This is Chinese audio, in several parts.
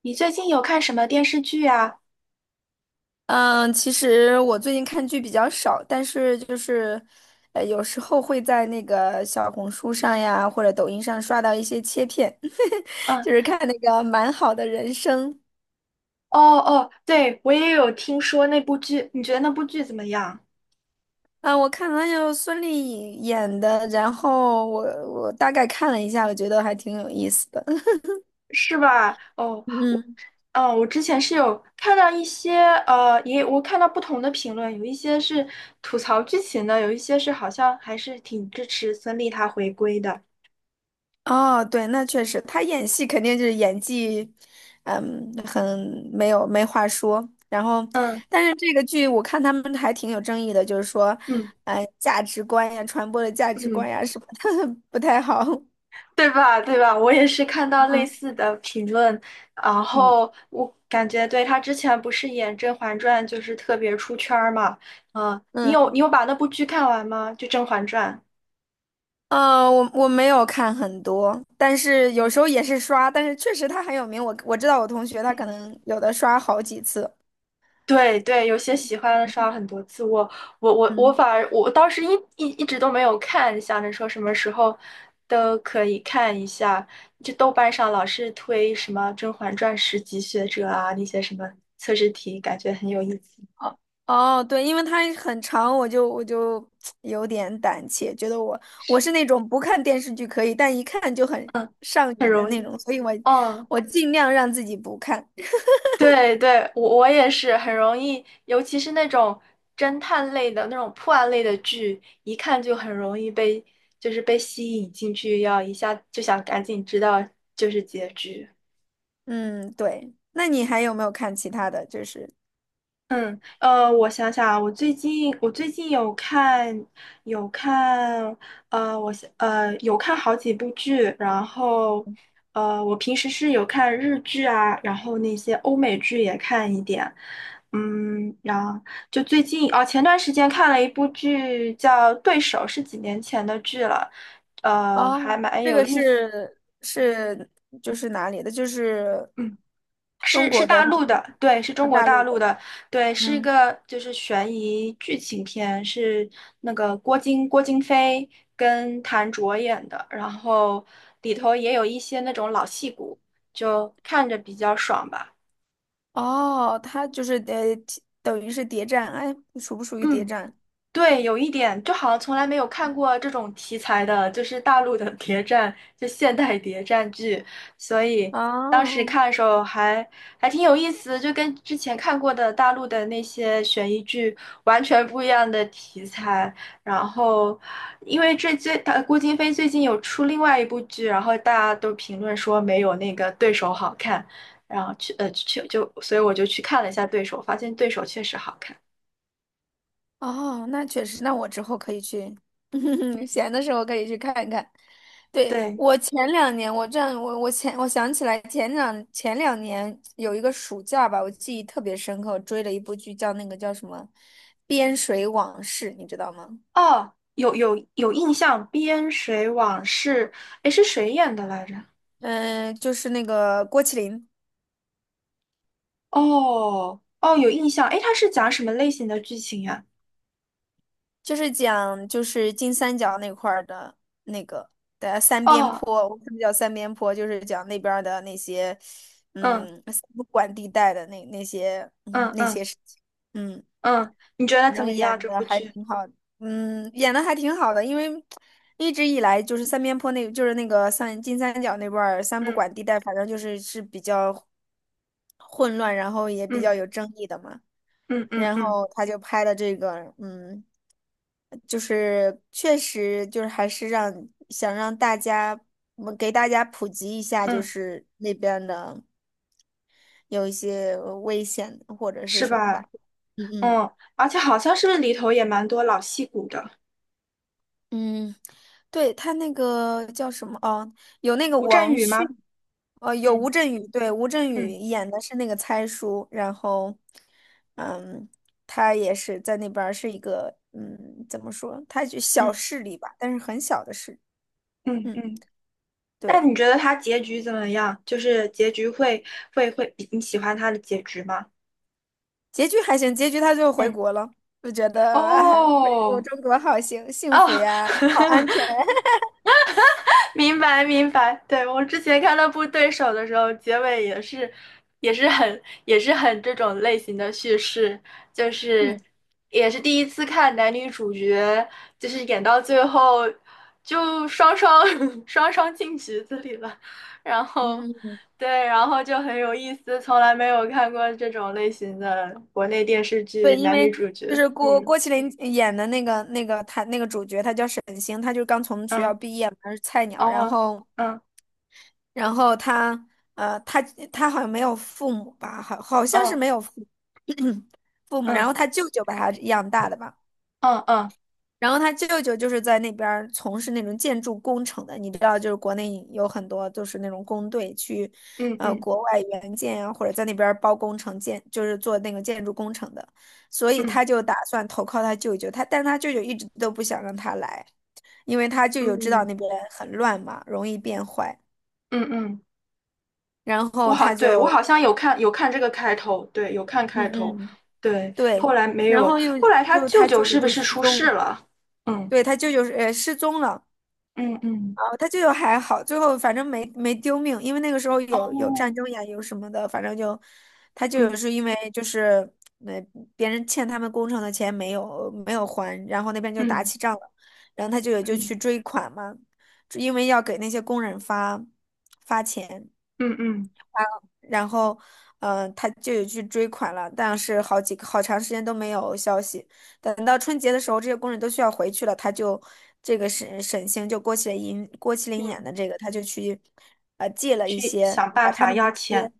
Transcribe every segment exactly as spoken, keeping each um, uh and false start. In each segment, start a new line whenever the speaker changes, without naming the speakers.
你最近有看什么电视剧啊？
嗯，其实我最近看剧比较少，但是就是，呃，有时候会在那个小红书上呀，或者抖音上刷到一些切片，
嗯。
就是看那个《蛮好的人生》。
哦哦，对，我也有听说那部剧，你觉得那部剧怎么样？
啊，我看了有孙俪演的，然后我我大概看了一下，我觉得还挺有意思的。
是吧？哦。
嗯。
嗯，我之前是有看到一些，呃，也我看到不同的评论，有一些是吐槽剧情的，有一些是好像还是挺支持孙俪她回归的。
哦，对，那确实，他演戏肯定就是演技，嗯，很没有没话说。然后，
嗯
但是这个剧我看他们还挺有争议的，就是说，
嗯
呃，价值观呀，传播的价值
嗯。
观呀什么的 不太好。
对吧？对吧？我也是看到类
嗯
似的评论，然
嗯
后我感觉对他之前不是演《甄嬛传》就是特别出圈儿嘛。嗯，你有
嗯，
你有把那部剧看完吗？就《甄嬛传》。
呃，我我没有看很多，但是有
嗯。
时候也是刷，但是确实他很有名，我我知道我同学他可
嗯，
能有的刷好几次。
对对，有些喜欢的刷了很多次，我我我我
嗯。
反而我当时一一一直都没有看，想着说什么时候都可以看一下。就豆瓣上老是推什么《甄嬛传》十级学者啊，那些什么测试题，感觉很有意思。
哦哦，对，因为它很长，我就我就有点胆怯，觉得我我是那种不看电视剧可以，但一看就很
嗯。
上
很
瘾的
容
那
易。
种，所以我
嗯。
我尽量让自己不看。
对对，我我也是很容易，尤其是那种侦探类的那种破案类的剧，一看就很容易被就是被吸引进去，要一下就想赶紧知道就是结局。
嗯，对。那你还有没有看其他的？就是
嗯，呃，我想想啊，我最近我最近有看有看，呃，我想呃有看好几部剧。然后呃，我平时是有看日剧啊，然后那些欧美剧也看一点。嗯，然后就最近哦，前段时间看了一部剧叫《对手》，是几年前的剧了，呃，还
哦，
蛮
这
有
个
意思的。
是是就是哪里的？就是
嗯。
中
是是
国的
大
还
陆的，对，是中国
大
大
陆
陆
的？
的。对，是一
嗯，
个就是悬疑剧情片，是那个郭京郭京飞跟谭卓演的，然后里头也有一些那种老戏骨，就看着比较爽吧。
哦，它就是呃，等于是谍战，哎，属不属于谍
嗯。
战？
对，有一点，就好像从来没有看过这种题材的，就是大陆的谍战，就现代谍战剧，所以当时
哦。
看的时候还还挺有意思，就跟之前看过的大陆的那些悬疑剧完全不一样的题材。然后，因为这最他郭京飞最近有出另外一部剧，然后大家都评论说没有那个对手好看，然后去呃去就，所以我就去看了一下对手，发现对手确实好看。
哦，那确实，那我之后可以去，闲的时候可以去看一看。对，
对。
我前两年，我这样，我我前我想起来前两前两年有一个暑假吧，我记忆特别深刻，我追了一部剧叫那个叫什么《边水往事》，你知道吗？
哦，有有有印象，《边水往事》，诶，是谁演的来着？
嗯、就是那个郭麒麟。
哦哦，有印象，诶，它是讲什么类型的剧情呀？
就是讲就是金三角那块儿的那个的三边
哦。
坡，我们叫三边坡，就是讲那边儿的那些
嗯
嗯三不管地带的那那些嗯
嗯
那
嗯
些事情，嗯，
嗯。你觉
反
得怎
正
么
演
样这
的
部
还
剧？
挺好的，嗯，演的还挺好的，因为一直以来就是三边坡那，就是那个三金三角那块儿三不
嗯
管地带，反正就是是比较混乱，然后也比较
嗯
有争议的嘛。
嗯嗯
然
嗯
后他就拍了这个，嗯，就是确实就是还是让想让大家，我们给大家普及一下，就
嗯。
是那边的有一些危险或者是
是
什么
吧？
吧。嗯嗯。
嗯，而且好像是不是里头也蛮多老戏骨的，
嗯，对，他那个叫什么？哦，有那个
吴镇
王
宇
迅，
吗？
呃，有吴
嗯
镇宇，对，吴镇宇
嗯
演的是那个猜叔，然后，嗯，他也是在那边儿是一个，嗯，怎么说？他就小
嗯
势力吧，但是很小的势力，
嗯
嗯，
嗯。那
对，
你觉得他结局怎么样？就是结局会会会，你喜欢他的结局吗？
结局还行，结局他就回
嗯。
国了，就觉得哎，回国
哦
中国好幸幸
哦，
福 呀，好安全。
明白明白。对，我之前看那部《对手》的时候，结尾也是，也是很，也是很这种类型的叙事，就是也是第一次看男女主角，就是演到最后就双双 双双进局子里了。然后
嗯嗯嗯。
对，然后就很有意思，从来没有看过这种类型的国内电视
对，
剧
因
男
为
女主
就
角。
是郭
嗯
郭麒麟演的那个那个他那个主角，他叫沈星，他就刚从学校
嗯。
毕业嘛，他是菜鸟。然
哦
后，
嗯
然后他呃，他他好像没有父母吧，好好像是
嗯。
没有父 父母。然
嗯
后他舅舅把他养大的吧。
嗯嗯
然后他舅舅就是在那边儿从事那种建筑工程的，你知道，就是国内有很多就是那种工队去，
嗯
呃，
嗯
国外援建啊，或者在那边儿包工程建，就是做那个建筑工程的，所以
嗯
他就打算投靠他舅舅，他但是他舅舅一直都不想让他来，因为他舅舅知道那
嗯
边很乱嘛，容易变坏，
嗯嗯，
然
我
后
好，
他
对，我
就，
好像有看有看这个开头，对，有看开
嗯
头，
嗯，
对，后
对，
来没
然
有，
后又
后来他
又
舅
他
舅
舅舅
是不
就
是
失
出事
踪，
了？嗯
对，他舅舅是呃失踪了。
嗯嗯，
哦他就有还好，最后反正没没丢命，因为那个时候有有战
哦，
争呀，有什么的，反正就他就
嗯
是因为就是呃别人欠他们工程的钱没有没有还，然后那边就打
嗯
起仗了，然后他就有就
嗯
去追款嘛，因为要给那些工人发发钱。
嗯嗯
然后，嗯、他就有去追款了，但是好几个好长时间都没有消息。等到春节的时候，这些工人都需要回去了，他就这个沈沈星就郭麒麟郭麒麟演
嗯，
的这个，他就去呃借了一
去
些，
想办
把他
法
们的
要
那
钱。
些。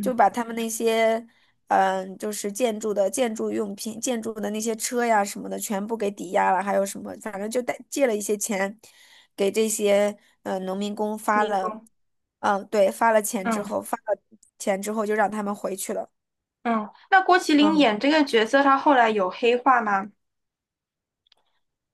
就把他们那些，嗯、就是建筑的建筑用品、建筑的那些车呀什么的，全部给抵押了，还有什么，反正就贷借了一些钱，给这些嗯农民工发
民
了，
工。
嗯、对，发了钱之
嗯
后，发了钱之后就让他们回去了。
嗯。那郭麒麟
嗯
演这个角色，他后来有黑化吗？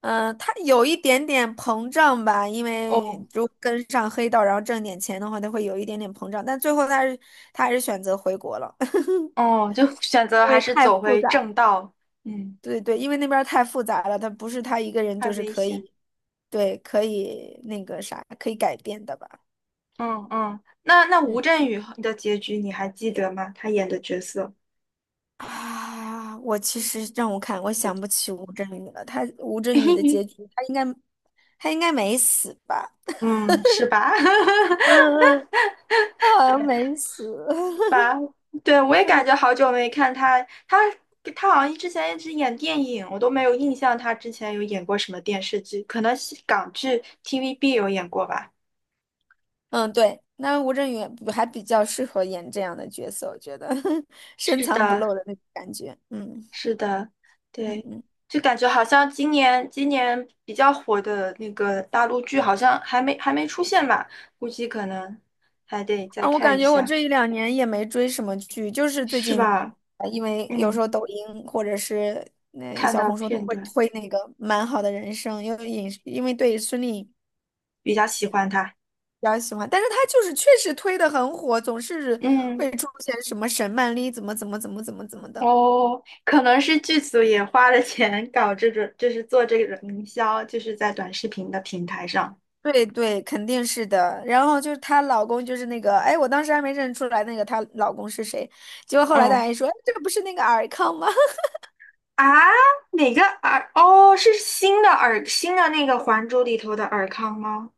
嗯、他有一点点膨胀吧，因为
哦
如果跟上黑道，然后挣点钱的话，他会有一点点膨胀，但最后他是他还是选择回国了，
哦，就选 择
因
还
为
是
太
走
复
回
杂。
正道。嗯，
对对，因为那边儿太复杂了，他不是他一个人
太
就是
危
可
险。
以，对，可以那个啥，可以改变的吧？
嗯嗯，那那吴
嗯
镇宇的结局你还记得吗？他演的角色，
啊，我其实让我看，我想不起吴镇宇了。他吴镇宇的 结局，他应该他应该没死吧？
嗯，是吧？
嗯嗯，他好像没死。
吧。对，我也感
嗯
觉好久没看他，他他好像之前一直演电影，我都没有印象他之前有演过什么电视剧，可能是港剧 T V B 有演过吧。
嗯，对，那吴镇宇不还比较适合演这样的角色，我觉得 深
是
藏不
的，
露的那种感觉。嗯
是的。
嗯
对，
嗯。
就感觉好像今年今年比较火的那个大陆剧好像还没还没出现吧，估计可能还得再
啊，我
看
感
一
觉我
下。
这一两年也没追什么剧，就是最
是
近，
吧？
呃，因为有时
嗯，
候抖音或者是那、
看
小
到
红书都
片
会
段，
推那个《蛮好的人生》，因为影视因为对孙俪比
比较喜欢他。
较喜欢，但是她就是确实推的很火，总是
嗯。
会出现什么沈曼丽怎么怎么怎么怎么怎么的。
哦，可能是剧组也花了钱搞这种，就是做这个营销，就是在短视频的平台上。
对对，肯定是的。然后就是她老公，就是那个，哎，我当时还没认出来那个她老公是谁，结果后来大
嗯
家一说，哎这个不是那个尔康吗？
啊，哪个尔？哦，是新的尔，新的那个《还珠》里头的尔康吗？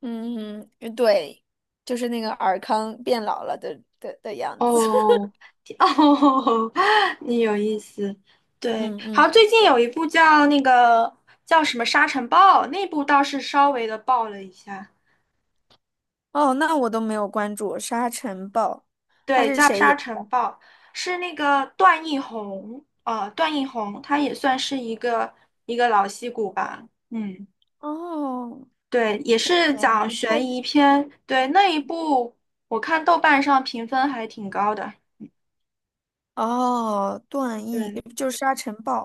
嗯嗯，对，就是那个尔康变老了的的的样子。
哦哦，你有意思。对，
嗯
好，
嗯，
最近有一部叫那个叫什么《沙尘暴》，那部倒是稍微的爆了一下。
哦，那我都没有关注《沙尘暴》，他
对，
是
叫
谁
《沙
演？
尘暴》，是那个段奕宏，呃，段奕宏他也算是一个一个老戏骨吧。嗯，
哦，
对，也是
演
讲
不太
悬疑
是
片，对，那一部我看豆瓣上评分还挺高的。
哦，段奕
对
就是《沙尘暴》，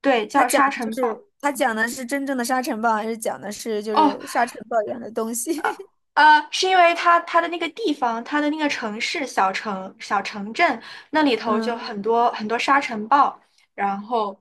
对，叫
他讲
《沙
的就
尘暴》。
是他讲的是真正的沙尘暴，还是讲的是就
哦，
是沙尘暴一样的东西？
呃，是因为它它的那个地方，它的那个城市、小城、小城镇那里头就
嗯，
很多很多沙尘暴，然后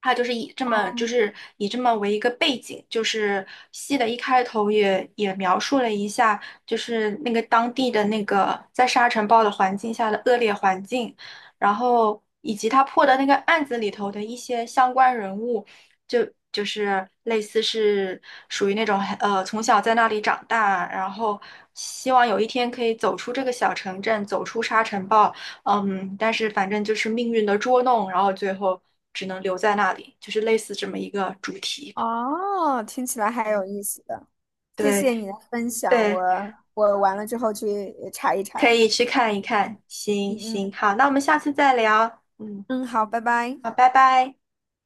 它就是以这么就是以这么为一个背景，就是戏的一开头也也描述了一下，就是那个当地的那个在沙尘暴的环境下的恶劣环境，然后以及他破的那个案子里头的一些相关人物。就就是类似是属于那种呃从小在那里长大，然后希望有一天可以走出这个小城镇，走出沙尘暴。嗯，但是反正就是命运的捉弄，然后最后只能留在那里，就是类似这么一个主题。
哦，听起来还有
嗯
意思的，谢
对
谢你的分享，
对，
我我完了之后去查一查。
可以去看一看。行
嗯
行，
嗯
好，那我们下次再聊。嗯，
嗯，好，拜拜。
好，拜拜。